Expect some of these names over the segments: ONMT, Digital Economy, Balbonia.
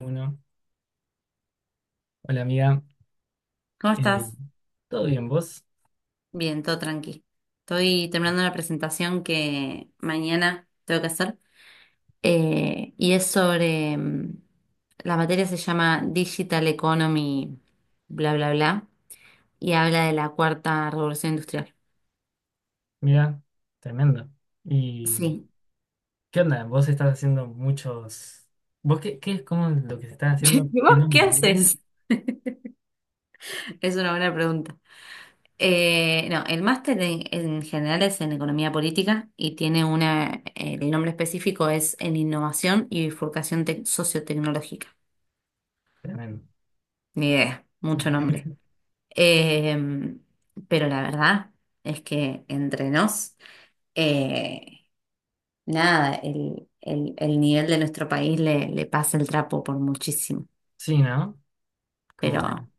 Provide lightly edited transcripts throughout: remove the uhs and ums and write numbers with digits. Uno. Hola amiga. ¿Cómo Eh, estás? ¿Todo bien vos? Bien, todo tranqui. Estoy terminando una presentación que mañana tengo que hacer, y es sobre, la materia se llama Digital Economy, bla, bla, bla, y habla de la cuarta revolución industrial. Mira, tremendo. ¿Y Sí. qué onda? ¿Vos estás haciendo muchos... ¿Vos qué es como lo que se está haciendo? ¿Y vos ¿Tiene un qué material? haces? Es una buena pregunta. No, el máster en general es en economía política y tiene el nombre específico es en innovación y bifurcación sociotecnológica. Tremendo. Ni idea, Sí, mucho nombre. Eh, pero la verdad es que entre nos, eh, nada, el nivel de nuestro país le pasa el trapo por muchísimo. Sí, ¿no? Pero Como, no,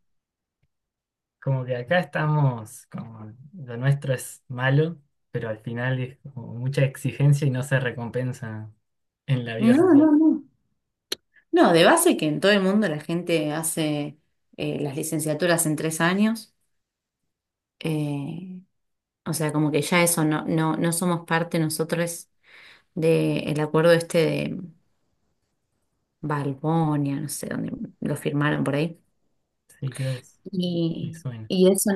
como que acá estamos, como lo nuestro es malo, pero al final es como mucha exigencia y no se recompensa en la vida no, social. no. No, de base que en todo el mundo la gente hace, las licenciaturas en 3 años. eh, o sea, como que ya eso no somos parte nosotros del acuerdo este de Balbonia, no sé dónde lo firmaron por ahí. Sí, creo que es, me Y, suena. y eso,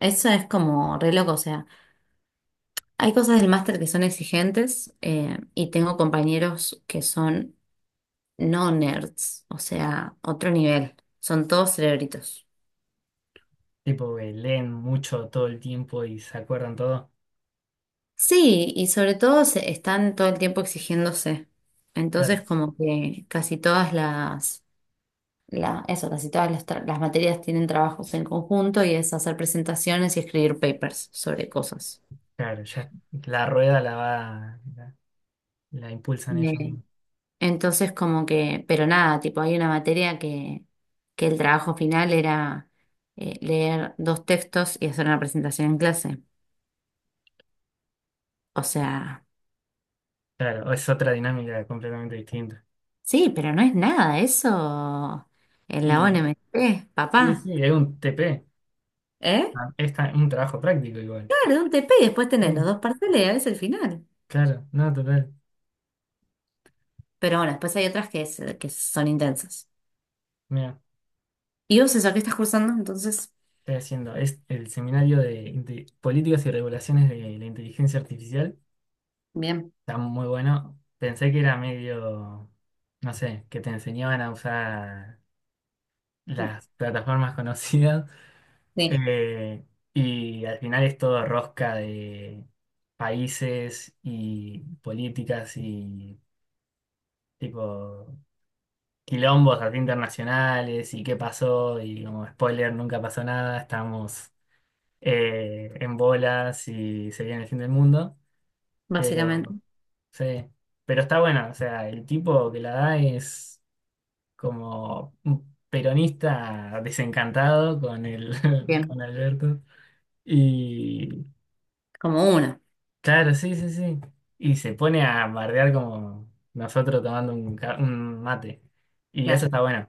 eso es como re loco. O sea, hay cosas del máster que son exigentes, y tengo compañeros que son no nerds, o sea, otro nivel, son todos cerebritos. Tipo, que leen mucho todo el tiempo y se acuerdan todo. Sí, y sobre todo están todo el tiempo exigiéndose. Claro, Entonces, como que casi todas las, la, eso, casi todas las, tra- las materias tienen trabajos en conjunto y es hacer presentaciones y escribir papers sobre cosas. claro, ya la rueda la va, la impulsan ellos mismos. Entonces, como que, pero nada, tipo, hay una materia que el trabajo final era, leer dos textos y hacer una presentación en clase. O sea, Claro, es otra dinámica completamente distinta. sí, pero no es nada eso en la Y ONMT, sí, papá. sí, es un TP. ¿Eh? Ah, es un trabajo práctico igual. Claro, un TP y después tenés los Mm, dos parciales y a veces el final. claro, no, total. Pero bueno, después hay otras que son intensas. Mira, ¿Y vos eso, qué estás cursando? Entonces, estoy haciendo. Es el seminario de políticas y regulaciones de la inteligencia artificial. bien. Está muy bueno. Pensé que era medio, no sé, que te enseñaban a usar las plataformas conocidas. Sí, Eh, y al final es todo rosca de países y políticas y tipo quilombos así internacionales y qué pasó, y como spoiler nunca pasó nada, estamos en bolas y se viene el fin del mundo, pero básicamente. sí, pero está bueno, o sea, el tipo que la da es como un peronista desencantado con el Bien. con Alberto. Y Como una, claro, sí, sí, sí. Y se pone a bardear como nosotros tomando un, un mate. Y eso claro. está bueno.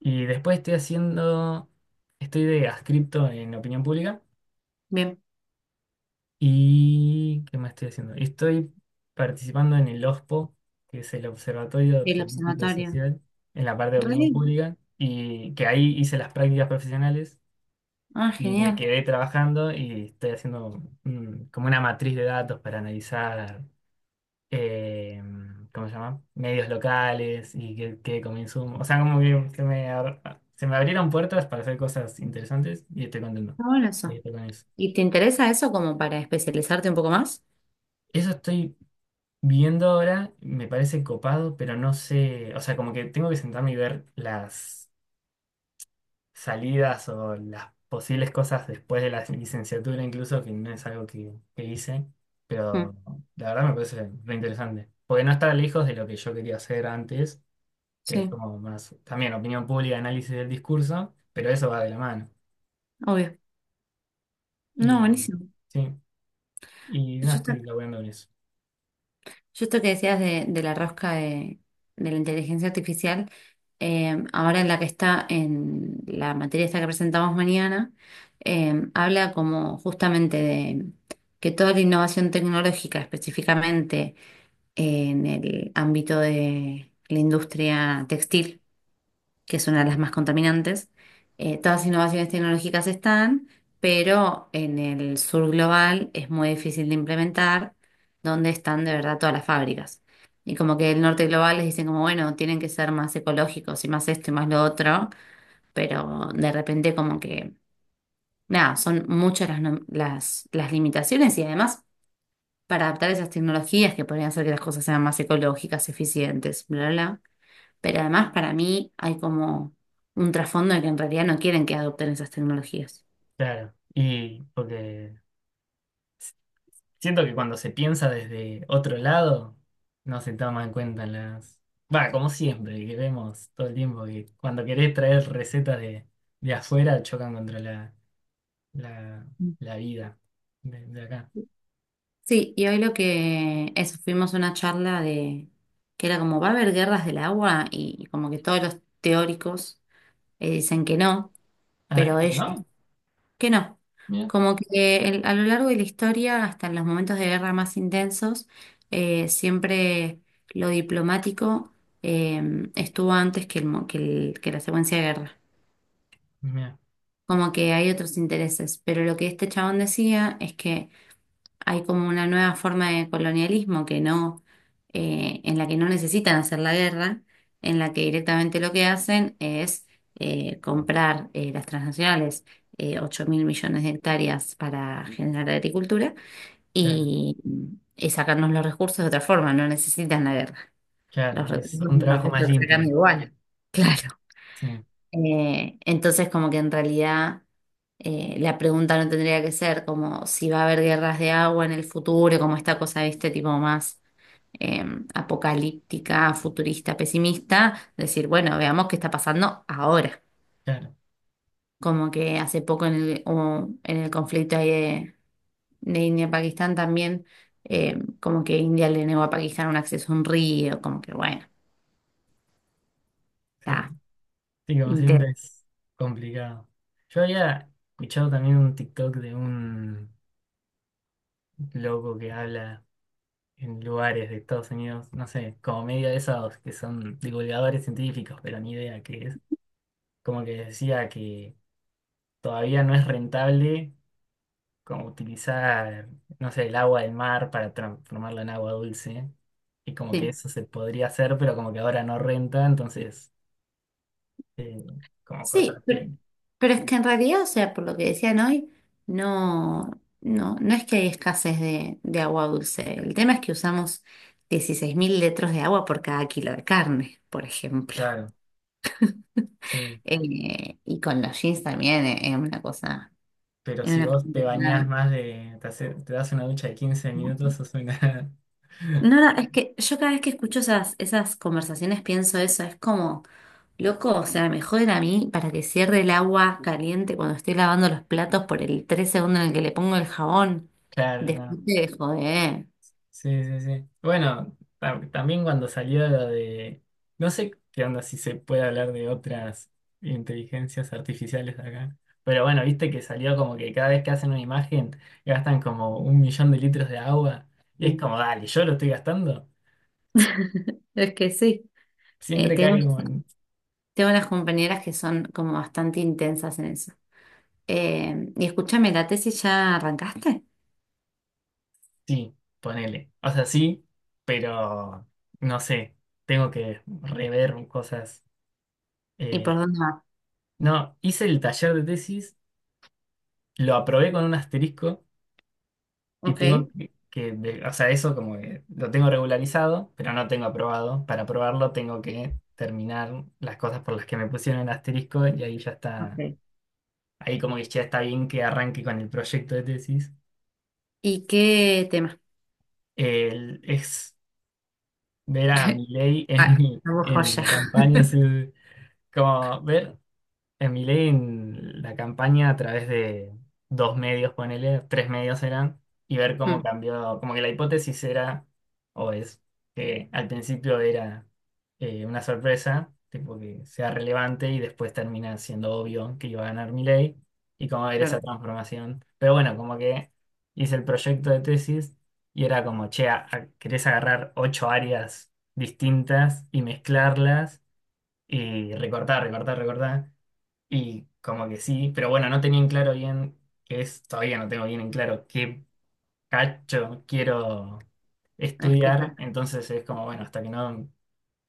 Y después estoy haciendo, estoy de adscripto en opinión pública. Bien. ¿Y qué más estoy haciendo? Y estoy participando en el OSPO, que es el Observatorio Y el Político y observatorio. Social, en la parte de Re opinión bien. pública. Y que ahí hice las prácticas profesionales Ah, y me genial. quedé trabajando y estoy haciendo, mm, como una matriz de datos para analizar. eh, ¿Cómo se llama? Medios locales y qué consumo. O sea, como que me, se me abrieron puertas para hacer cosas interesantes y estoy contento Está bueno de que eso. estoy con eso. ¿Y te interesa eso como para especializarte un poco más? Eso estoy viendo ahora, me parece copado, pero no sé, o sea, como que tengo que sentarme y ver las salidas o las posibles cosas después de la licenciatura incluso, que no es algo que hice, Mm, pero la verdad me parece re interesante, porque no está lejos de lo que yo quería hacer antes, que es sí, como más también opinión pública, análisis del discurso, pero eso va de la mano. obvio. No, Y buenísimo. sí, y no Yo esto, estoy laburando en eso. yo esto que decías de, la rosca de la inteligencia artificial. Ahora en la que está en la materia esta que presentamos mañana, habla como justamente de que toda la innovación tecnológica, específicamente en el ámbito de la industria textil, que es una de las más contaminantes. Todas las innovaciones tecnológicas están, pero en el sur global es muy difícil de implementar, donde están de verdad todas las fábricas. Y como que el norte global les dicen como, bueno, tienen que ser más ecológicos y más esto y más lo otro, pero de repente como que, nada, son muchas las, no- las limitaciones. Y además, para adaptar esas tecnologías que podrían hacer que las cosas sean más ecológicas, eficientes, bla, bla, bla, pero además para mí hay como un trasfondo de que en realidad no quieren que adopten esas tecnologías. Claro, y porque siento que cuando se piensa desde otro lado, no se toma en cuenta las... Va, como siempre, que vemos todo el tiempo, que cuando querés traer recetas de afuera chocan contra la, la, la vida de acá. Sí, y hoy lo que eso, fuimos a una charla de que era como va a haber guerras del agua, y como que todos los teóricos, dicen que no, Ah, pero ¿que ellos no? que no. Mira, Como que a lo largo de la historia, hasta en los momentos de guerra más intensos, siempre lo diplomático, estuvo antes que, el, mo- que el- que la secuencia de guerra. mira, Como que hay otros intereses. Pero lo que este chabón decía es que hay como una nueva forma de colonialismo que no, en la que no necesitan hacer la guerra, en la que directamente lo que hacen es, comprar, las transnacionales. Ocho mil millones de hectáreas para generar agricultura, claro, y, y sacarnos los recursos de otra forma, no necesitan la guerra. claro, Los es recursos un nos los trabajo más están sacando limpio. igual. Claro. Sí, Entonces, como que en realidad, la pregunta no tendría que ser como si va a haber guerras de agua en el futuro, como esta cosa, viste, tipo más, eh, apocalíptica, futurista, pesimista, decir, bueno, veamos qué está pasando ahora. claro, Como que hace poco en el, o en el conflicto ahí de, India-Pakistán también, como que India le negó a Pakistán un acceso a un río, como que bueno, sí. está Sí, como siempre interesante. es complicado. Yo había escuchado también un TikTok de un loco que habla en lugares de Estados Unidos, no sé, como medio de esos que son divulgadores científicos, pero ni idea qué es. Como que decía que todavía no es rentable como utilizar, no sé, el agua del mar para transformarla en agua dulce. Y como que eso se podría hacer, pero como que ahora no renta, entonces, eh, como cosas Sí, pero, así. pero es que en realidad, o sea, por lo que decían hoy, no, no es que hay escasez de, agua dulce. El tema es que usamos 16.000 litros de agua por cada kilo de carne, por ejemplo. Claro, sí. Y con los jeans también, Pero es si una cosa vos te bañás impresionante. más de, te, te das una ducha de 15 minutos, sos una... No, no, es que yo cada vez que escucho esas conversaciones pienso eso, es como, loco, o sea, me joden a mí para que cierre el agua caliente cuando estoy lavando los platos por el 3 segundos en el que le pongo el jabón. Claro, no. Después te joder. Sí, sí, sí. Bueno, también cuando salió lo de... No sé qué onda si se puede hablar de otras inteligencias artificiales acá. Pero bueno, viste que salió como que cada vez que hacen una imagen gastan como un millón de litros de agua. Y es Sí. como, dale, yo lo estoy gastando. Es que sí. Eh, Siempre tengo, cae como... tengo unas compañeras que son como bastante intensas en eso. Y escúchame, ¿la tesis ya arrancaste? Sí, ponele. O sea, sí, pero no sé, tengo que rever cosas. ¿Y eh, por dónde va? no, hice el taller de tesis, lo aprobé con un asterisco y Ok. tengo que o sea, eso como que lo tengo regularizado, pero no tengo aprobado. Para aprobarlo tengo que terminar las cosas por las que me pusieron el asterisco y ahí ya está, Ok. ahí como que ya está bien que arranque con el proyecto de tesis. ¿Y qué tema? Es ver a Milei Ah, la en joya. la campaña. Sí, como ver a Milei en la campaña a través de dos medios, ponele, tres medios eran, y ver cómo Mm, cambió, como que la hipótesis era, o es, que al principio era una sorpresa, tipo que sea relevante y después termina siendo obvio que iba a ganar Milei, y cómo ver esa claro, transformación. Pero bueno, como que hice el proyecto de tesis y era como, che, querés agarrar 8 áreas distintas y mezclarlas y recortar, recortar, recortar. Y como que sí, pero bueno, no tenía en claro bien qué es, todavía no tengo bien en claro qué cacho quiero estudiar. explicar. Entonces es como, bueno, hasta que no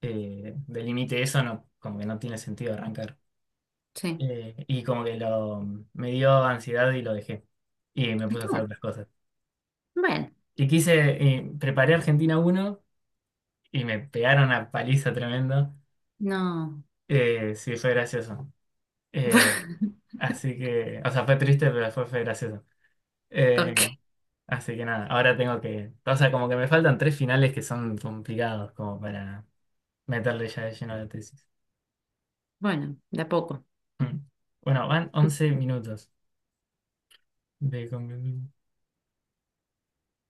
delimite eso, no, como que no tiene sentido arrancar. Sí. Y como que lo, me dio ansiedad y lo dejé. Y me puse a Está hacer bien. otras cosas. Bueno, Y quise, preparé Argentina uno y me pegaron una paliza tremenda. no. Sí, fue gracioso. Eh, Así que, o sea, fue triste, pero fue, fue gracioso. Eh, Ok, Así que nada, ahora tengo que, o sea, como que me faltan 3 finales que son complicados como para meterle ya de lleno a la tesis. bueno, de a poco. Mm. Bueno, van 11 minutos de conversación.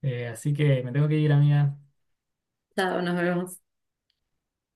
Así que me tengo que ir, amiga. Chao, nos vemos.